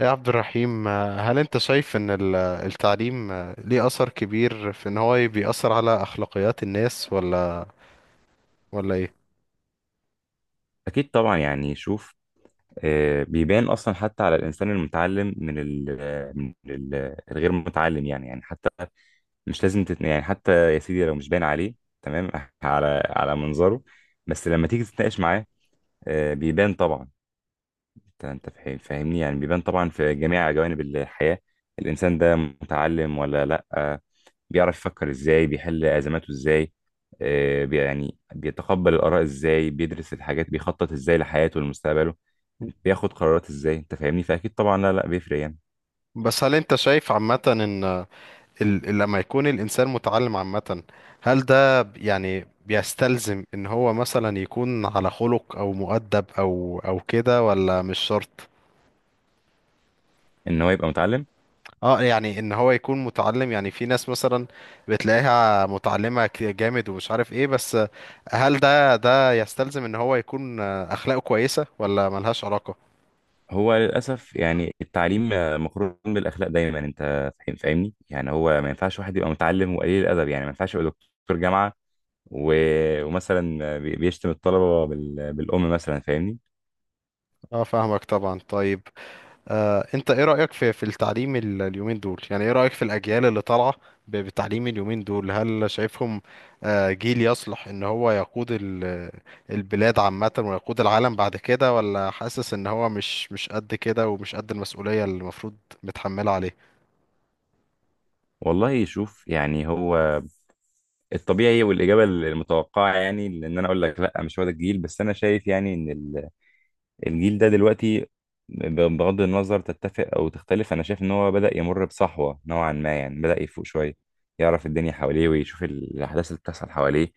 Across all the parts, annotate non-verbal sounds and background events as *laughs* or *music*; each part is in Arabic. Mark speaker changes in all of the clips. Speaker 1: يا عبد الرحيم هل انت شايف ان التعليم ليه اثر كبير في ان هو بيأثر على اخلاقيات الناس ولا ايه؟
Speaker 2: أكيد طبعا. شوف. بيبان أصلا حتى على الإنسان المتعلم من ال الغير متعلم، يعني حتى مش لازم تت... يعني حتى يا سيدي لو مش باين عليه تمام *laughs* على منظره، بس لما تيجي تتناقش معاه بيبان طبعا. انت فاهمني، يعني بيبان طبعا في جميع جوانب الحياة. الانسان ده متعلم ولا لا، بيعرف يفكر ازاي، بيحل ازماته ازاي، يعني بيتقبل الاراء ازاي، بيدرس الحاجات، بيخطط ازاي لحياته ولمستقبله، بياخد قرارات ازاي. انت فاهمني، فاكيد طبعا، لا لا بيفرق يعني
Speaker 1: بس هل انت شايف عامة ان لما يكون الانسان متعلم عامة، هل ده يعني بيستلزم ان هو مثلا يكون على خلق او مؤدب او كده، ولا مش شرط؟
Speaker 2: ان هو يبقى متعلم.
Speaker 1: اه يعني ان هو يكون متعلم، يعني في ناس مثلا بتلاقيها متعلمة جامد ومش عارف ايه، بس هل ده يستلزم ان هو يكون اخلاقه كويسة ولا ملهاش علاقة؟
Speaker 2: هو للاسف يعني التعليم مقرون بالاخلاق دايما. انت فاهمني، يعني هو ما ينفعش واحد يبقى متعلم وقليل الادب. يعني ما ينفعش يبقى دكتور جامعة ومثلا بيشتم الطلبة بالأم مثلا، فاهمني.
Speaker 1: اه فاهمك طبعا. طيب انت ايه رأيك في التعليم اليومين دول؟ يعني ايه رأيك في الأجيال اللي طالعة بتعليم اليومين دول؟ هل شايفهم جيل يصلح ان هو يقود البلاد عامة ويقود العالم بعد كده، ولا حاسس ان هو مش قد كده ومش قد المسؤولية اللي المفروض متحملة عليه؟
Speaker 2: والله يشوف يعني، هو الطبيعي والإجابة المتوقعة يعني إن أنا أقول لك لأ، مش هو ده الجيل، بس أنا شايف يعني إن الجيل ده دلوقتي، بغض النظر تتفق أو تختلف، أنا شايف إن هو بدأ يمر بصحوة نوعا ما. يعني بدأ يفوق شوية، يعرف الدنيا حواليه ويشوف الأحداث اللي بتحصل حواليه،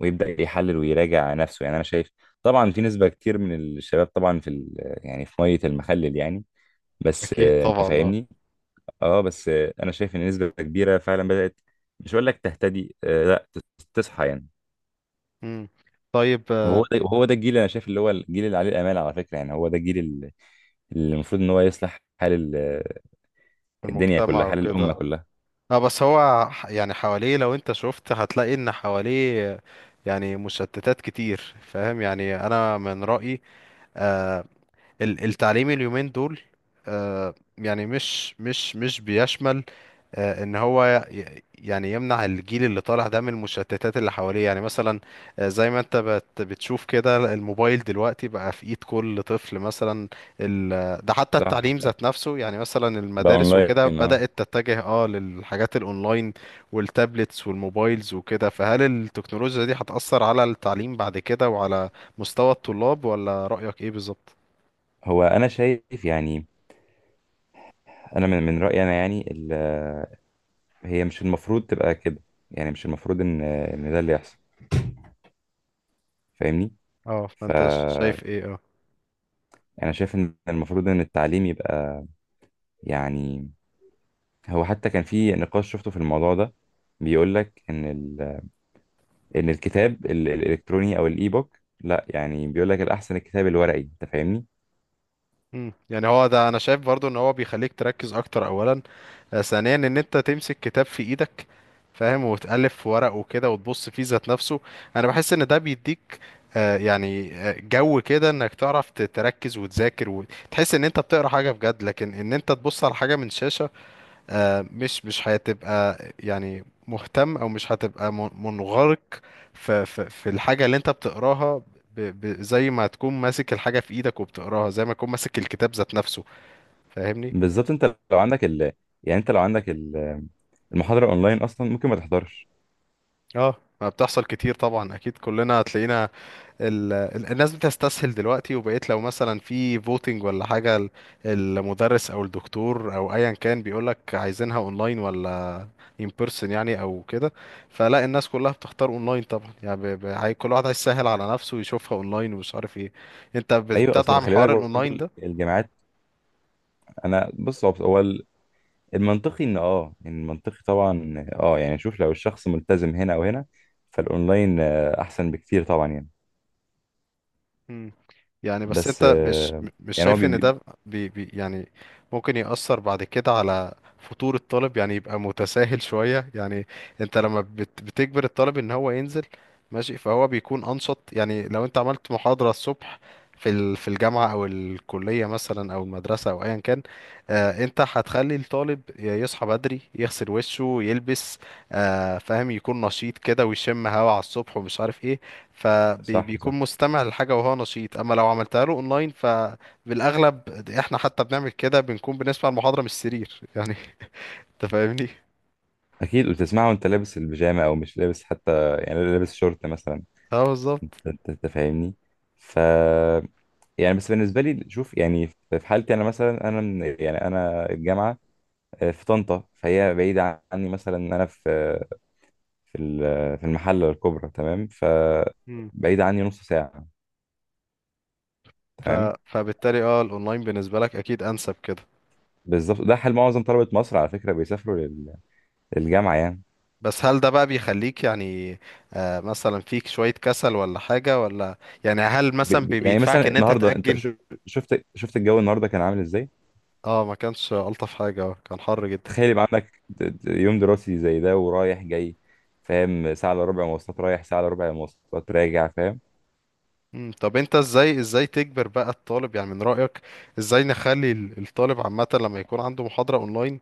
Speaker 2: ويبدأ يحلل ويراجع نفسه. يعني أنا شايف طبعا في نسبة كتير من الشباب طبعا في يعني في مية المخلل يعني، بس
Speaker 1: أكيد
Speaker 2: انت
Speaker 1: طبعا، اه.
Speaker 2: فاهمني. اه بس انا شايف ان نسبه كبيره فعلا بدات، مش هقول لك تهتدي، آه، لا تص- تصحى يعني.
Speaker 1: مم. طيب
Speaker 2: وهو ده الجيل اللي انا شايف، اللي هو الجيل اللي عليه الامال على فكره. يعني هو ده اللي المفروض ان هو يصلح الدنيا كلها،
Speaker 1: المجتمع
Speaker 2: حال الامه
Speaker 1: وكده.
Speaker 2: كلها.
Speaker 1: اه بس هو يعني حواليه، لو انت شفت هتلاقي ان حواليه يعني مشتتات كتير، فاهم؟ يعني انا من رأيي آه، التعليم اليومين دول يعني مش بيشمل ان هو يعني يمنع الجيل اللي طالع ده من المشتتات اللي حواليه، يعني مثلا زي ما انت بتشوف كده، الموبايل دلوقتي بقى في ايد كل طفل مثلا. ده حتى
Speaker 2: صح
Speaker 1: التعليم
Speaker 2: صح،
Speaker 1: ذات نفسه، يعني مثلا
Speaker 2: بقى
Speaker 1: المدارس وكده
Speaker 2: اونلاين اه.
Speaker 1: بدأت تتجه اه للحاجات الاونلاين والتابلتس والموبايلز وكده. فهل التكنولوجيا دي هتأثر على التعليم بعد كده وعلى مستوى الطلاب، ولا رأيك ايه بالظبط؟
Speaker 2: هو انا شايف يعني، انا من رايي انا، يعني هي مش المفروض تبقى كده. يعني مش المفروض ان ان ده اللي يحصل، فاهمني.
Speaker 1: اه فانت
Speaker 2: فانا
Speaker 1: شايف ايه؟ اه.
Speaker 2: شايف ان المفروض ان التعليم يبقى يعني، هو حتى كان في نقاش شفته في الموضوع ده، بيقول لك ان الكتاب الالكتروني او الاي بوك لا، يعني بيقول لك الاحسن الكتاب الورقي، انت فاهمني.
Speaker 1: مم. يعني هو ده انا شايف برضو، ان هو بيخليك تركز اكتر. اولا ثانيا ان انت تمسك كتاب في ايدك، فاهم؟ وتألف في ورق وكده وتبص فيه ذات نفسه. انا بحس ان ده بيديك يعني جو كده انك تعرف تركز وتذاكر وتحس ان انت بتقرا حاجة بجد. لكن ان انت تبص على حاجة من شاشة مش هتبقى يعني مهتم، او مش هتبقى منغرق في الحاجه اللي انت بتقراها، ب ب زي ما تكون ماسك الحاجه في ايدك وبتقراها، زي ما تكون ماسك الكتاب ذات نفسه. فاهمني؟
Speaker 2: بالظبط. انت لو عندك ال... يعني انت المحاضره اونلاين اصلا ممكن ما تحضرش.
Speaker 1: اه، ما بتحصل كتير طبعا، اكيد كلنا هتلاقينا. الناس بتستسهل دلوقتي، وبقيت لو مثلا في فوتنج ولا حاجة، المدرس او الدكتور او ايا كان بيقولك عايزينها اونلاين ولا ان بيرسون يعني او كده، فلا الناس كلها بتختار اونلاين طبعا. يعني كل واحد هيسهل على نفسه ويشوفها اونلاين ومش عارف ايه. انت
Speaker 2: ايوه اصلا
Speaker 1: بتدعم
Speaker 2: خلي بالك
Speaker 1: حوار
Speaker 2: برضه
Speaker 1: الاونلاين ده؟
Speaker 2: الجامعات. انا بص، المنطقي ان اه، إن المنطقي طبعا اه، يعني شوف لو الشخص ملتزم هنا او هنا فالاونلاين احسن بكتير طبعا يعني.
Speaker 1: مم. يعني بس
Speaker 2: بس
Speaker 1: انت مش م- مش
Speaker 2: يعني هو
Speaker 1: شايف
Speaker 2: بي...
Speaker 1: ان
Speaker 2: بي-
Speaker 1: ده بي يعني ممكن يأثر بعد كده على فطور الطالب، يعني يبقى متساهل شوية. يعني انت لما بتجبر الطالب ان هو ينزل، ماشي، فهو بيكون انشط. يعني لو انت عملت محاضرة الصبح في في الجامعة او الكلية مثلا او المدرسة او ايا كان، آه انت هتخلي الطالب يصحى بدري يغسل وشه يلبس، آه فاهم، يكون نشيط كده ويشم هوا على الصبح ومش عارف ايه،
Speaker 2: صح صح.
Speaker 1: فبيكون مستمع للحاجة وهو نشيط. اما لو عملتها له اونلاين، فبالاغلب احنا حتى بنعمل كده، بنكون بنسمع المحاضرة من السرير يعني. *laughs* انت فاهمني؟
Speaker 2: اكيد، وتسمعه وانت لابس البيجامه او مش لابس حتى، يعني لابس شورت مثلا.
Speaker 1: اه بالظبط.
Speaker 2: انت فاهمني. ف يعني بس بالنسبه لي شوف، يعني في حالتي انا مثلا، انا يعني انا الجامعه في طنطا، فهي بعيده عني. مثلا انا في في المحله الكبرى تمام،
Speaker 1: مم.
Speaker 2: بعيده عني نص ساعه
Speaker 1: ف...
Speaker 2: تمام.
Speaker 1: فبالتالي اه الاونلاين بالنسبة لك اكيد انسب كده.
Speaker 2: بالظبط، ده حال معظم طلبه مصر على فكره، بيسافروا للجامعه يعني.
Speaker 1: بس هل ده بقى بيخليك يعني آه مثلا فيك شوية كسل ولا حاجة؟ ولا يعني هل مثلا
Speaker 2: يعني مثلا
Speaker 1: بيدفعك ان انت
Speaker 2: النهارده انت
Speaker 1: تأجل؟
Speaker 2: شفت الجو النهارده كان عامل ازاي.
Speaker 1: اه، ما كانش الطف حاجة، كان حر جدا.
Speaker 2: تخيل يبقى عندك يوم دراسي زي ده ورايح جاي، فاهم، ساعة الا ربع مواصلات رايح، ساعة الا ربع مواصلات راجع، فاهم.
Speaker 1: مم، طب انت ازاي تجبر بقى الطالب، يعني من رأيك ازاي نخلي الطالب عامة لما يكون عنده محاضرة اونلاين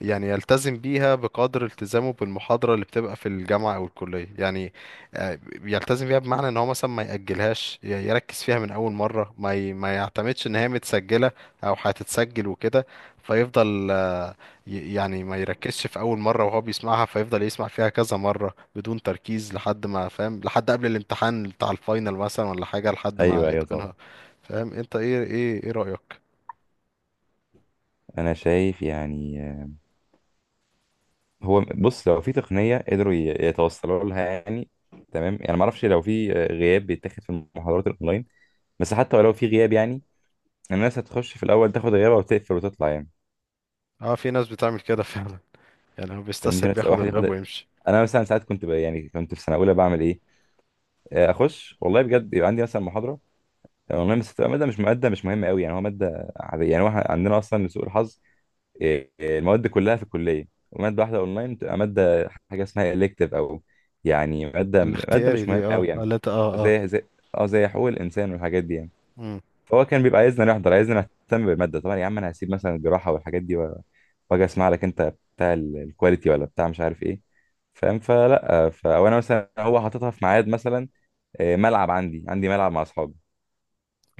Speaker 1: يعني يلتزم بيها بقدر التزامه بالمحاضرة اللي بتبقى في الجامعة او الكلية، يعني آه، يلتزم بيها بمعنى ان هو مثلا ما يأجلهاش، يركز فيها من اول مرة، ما يعتمدش ان هي متسجلة او هتتسجل وكده، فيفضل يعني ما يركزش في اول مره وهو بيسمعها، فيفضل يسمع فيها كذا مره بدون تركيز لحد ما فاهم، لحد قبل الامتحان بتاع الفاينل مثلا ولا حاجه، لحد ما
Speaker 2: ايوه ايوه طبعا.
Speaker 1: يتقنها، فاهم انت؟ ايه رايك؟
Speaker 2: انا شايف يعني هو بص، لو في تقنية قدروا يتوصلوا لها يعني تمام، يعني ما اعرفش لو في غياب بيتاخد في المحاضرات الاونلاين. بس حتى ولو في غياب يعني، الناس هتخش في الاول تاخد غيابها وتقفل وتطلع يعني.
Speaker 1: اه، في ناس بتعمل كده فعلا، يعني هو
Speaker 2: فاهمني، في
Speaker 1: بيستسهل
Speaker 2: ناس
Speaker 1: بياخد
Speaker 2: واحد
Speaker 1: الغاب
Speaker 2: ياخد،
Speaker 1: ويمشي.
Speaker 2: انا مثلا ساعات يعني كنت في سنة اولى بعمل ايه، اخش. والله بجد يبقى عندي مثلا محاضرة، والله بس تبقى مادة مش مهمة قوي يعني، هو مادة عادية. يعني هو إحنا عندنا أصلا لسوء الحظ إيه، إيه، المواد كلها في الكلية، ومادة واحدة أونلاين بتبقى مادة حاجة اسمها إلكتيف، أو يعني مادة
Speaker 1: الاختياري
Speaker 2: مش مهمة
Speaker 1: دي، اه
Speaker 2: قوي يعني.
Speaker 1: اللي انت اه.
Speaker 2: زي أه زي حقوق الإنسان والحاجات دي يعني.
Speaker 1: امم.
Speaker 2: فهو كان بيبقى عايزنا نحضر، عايزنا نهتم بالمادة. طبعا يا عم أنا هسيب مثلا الجراحة والحاجات دي، وأجي أسمع لك أنت بتاع الكواليتي ولا بتاع مش عارف إيه، فاهم. فلا، فأنا مثلا هو حاططها في ميعاد مثلا ملعب، عندي ملعب مع أصحابي.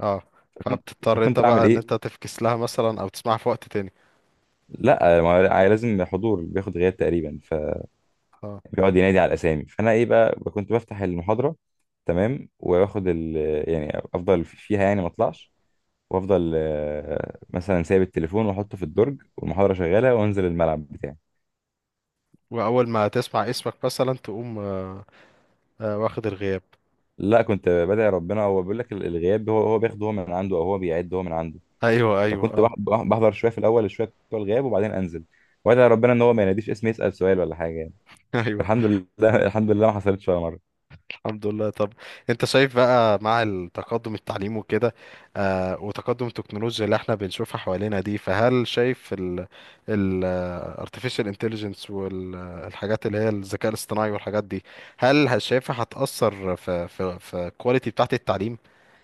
Speaker 1: اه،
Speaker 2: فكنت
Speaker 1: فبتضطر انت
Speaker 2: فكنت أعمل
Speaker 1: بقى ان
Speaker 2: إيه؟
Speaker 1: انت تفكس لها مثلا او تسمعها في وقت تاني.
Speaker 2: لا، ما هو لا، لازم حضور بياخد غياب تقريبا،
Speaker 1: اه،
Speaker 2: فبيقعد ينادي على الاسامي. فانا ايه بقى، كنت بفتح المحاضره تمام واخد ال يعني افضل فيها يعني ما اطلعش، وافضل مثلا سايب التليفون واحطه في الدرج والمحاضره شغاله، وانزل الملعب بتاعي.
Speaker 1: واول ما تسمع اسمك مثلا تقوم واخد الغياب.
Speaker 2: لا، كنت بدعي ربنا، هو بيقول لك الغياب هو بياخده هو من عنده، او هو بيعد هو من عنده.
Speaker 1: ايوه ايوه
Speaker 2: فكنت
Speaker 1: اه.
Speaker 2: بحضر شويه في الاول، شويه بتوع الغياب، وبعدين انزل وادعي ربنا ان هو ما يناديش اسمي، يسال سؤال ولا حاجه يعني.
Speaker 1: *laughs* ايوه.
Speaker 2: الحمد لله *laughs* الحمد لله ما حصلتش ولا مره.
Speaker 1: الحمد لله. طب انت شايف بقى مع التقدم التعليم وكده، آه وتقدم التكنولوجيا اللي احنا بنشوفها حوالينا دي، فهل شايف ال ال آه، artificial intelligence والحاجات اللي هي الذكاء الاصطناعي والحاجات دي، هل شايفها هتأثر في في الكواليتي بتاعت التعليم؟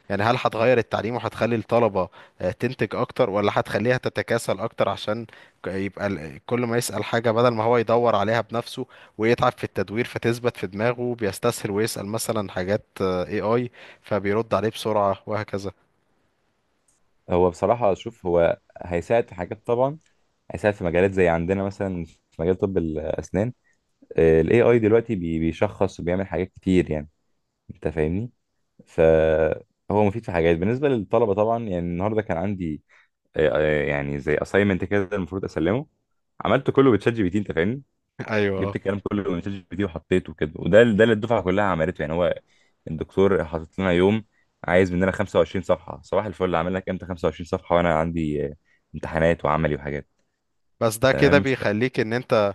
Speaker 1: يعني هل هتغير التعليم وهتخلي الطلبة تنتج أكتر، ولا هتخليها تتكاسل أكتر عشان يبقى كل ما يسأل حاجة بدل ما هو يدور عليها بنفسه ويتعب في التدوير فتثبت في دماغه، بيستسهل ويسأل مثلا حاجات AI، فبيرد عليه بسرعة وهكذا؟
Speaker 2: هو بصراحة شوف، هو هيساعد في حاجات طبعا. هيساعد في مجالات، زي عندنا مثلا في مجال طب الأسنان، ال AI دلوقتي بيشخص وبيعمل حاجات كتير يعني، أنت فاهمني. فهو مفيد في حاجات بالنسبة للطلبة طبعا. يعني النهاردة كان عندي يعني زي assignment كده المفروض أسلمه، عملته كله بتشات جي بي تي، أنت فاهمني.
Speaker 1: أيوه
Speaker 2: جبت
Speaker 1: آه.
Speaker 2: الكلام كله من شات جي بي تي وحطيته كده، وده ده اللي الدفعه كلها عملته يعني. هو الدكتور حاطط لنا يوم، عايز مننا 25 صفحه. صباح الفل، عامل لك امتى 25 صفحه وانا عندي امتحانات وعملي وحاجات
Speaker 1: بس ده كده
Speaker 2: تمام.
Speaker 1: بيخليك إن أنت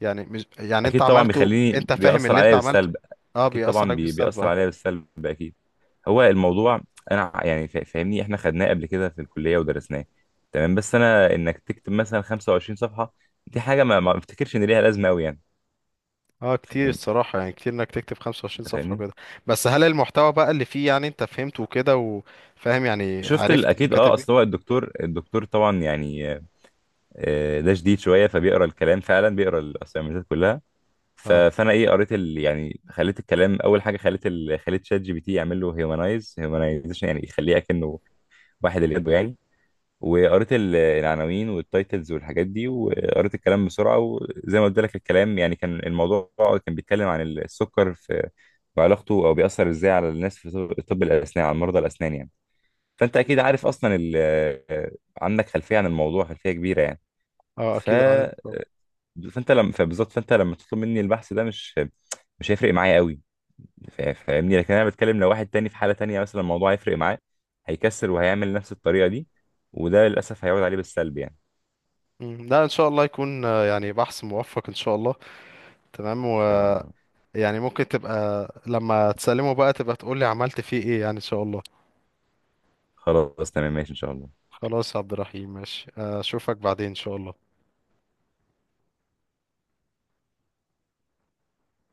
Speaker 1: يعني مش، يعني أنت
Speaker 2: اكيد طبعا
Speaker 1: عملته،
Speaker 2: بيخليني،
Speaker 1: أنت فاهم
Speaker 2: بيأثر
Speaker 1: اللي
Speaker 2: عليا
Speaker 1: أنت عملته؟
Speaker 2: بالسلب.
Speaker 1: أه
Speaker 2: اكيد
Speaker 1: بيأثر
Speaker 2: طبعا
Speaker 1: عليك بالسلب
Speaker 2: بيأثر
Speaker 1: أه.
Speaker 2: عليا بالسلب اكيد. هو الموضوع انا يعني فاهمني احنا خدناه قبل كده في الكليه ودرسناه تمام. بس انا انك تكتب مثلا 25 صفحه دي حاجه ما بفتكرش ان ليها لازمه قوي يعني،
Speaker 1: اه
Speaker 2: فاهم
Speaker 1: كتير
Speaker 2: انت
Speaker 1: الصراحة، يعني كتير انك تكتب 25 صفحة
Speaker 2: فاهمني.
Speaker 1: وكده. بس هل المحتوى بقى اللي فيه يعني انت فهمته وكده وفاهم، يعني عرفت انت
Speaker 2: اكيد اه،
Speaker 1: كاتب
Speaker 2: اصل هو
Speaker 1: ايه؟
Speaker 2: الدكتور طبعا يعني ده شديد شويه، فبيقرا الكلام فعلا، بيقرا الاسايمنتات كلها.
Speaker 1: اه
Speaker 2: فانا ايه، قريت ال، يعني خليت الكلام، اول حاجه خليت شات جي بي تي يعمل له هيومنايز هيومنايزيشن، يعني يخليه اكنه واحد اللي يده يعني. وقريت العناوين والتايتلز والحاجات دي، وقريت الكلام بسرعه، وزي ما قلت لك الكلام يعني، كان الموضوع كان بيتكلم عن السكر في وعلاقته او بيأثر ازاي على الناس في طب الاسنان، على مرضى الاسنان يعني. فانت اكيد عارف اصلا عندك خلفيه عن الموضوع، خلفيه كبيره يعني.
Speaker 1: اه
Speaker 2: ف
Speaker 1: اكيد عارف.
Speaker 2: آه،
Speaker 1: طب
Speaker 2: فانت لما فبالظبط، فانت لما تطلب مني البحث ده مش، مش هيفرق معايا قوي. فاهمني، لكن انا بتكلم لو واحد تاني في حاله تانيه مثلا، الموضوع هيفرق معاه، هيكسر وهيعمل نفس الطريقه دي، وده للاسف هيعود عليه بالسلب يعني.
Speaker 1: مم. لا ان شاء الله يكون يعني بحث موفق ان شاء الله. تمام،
Speaker 2: ان شاء الله،
Speaker 1: ويعني ممكن تبقى لما تسلمه بقى تبقى تقول لي عملت فيه ايه، يعني ان شاء الله.
Speaker 2: خلاص تمام ماشي ان شاء الله.
Speaker 1: خلاص يا عبد الرحيم، ماشي اشوفك بعدين ان شاء الله.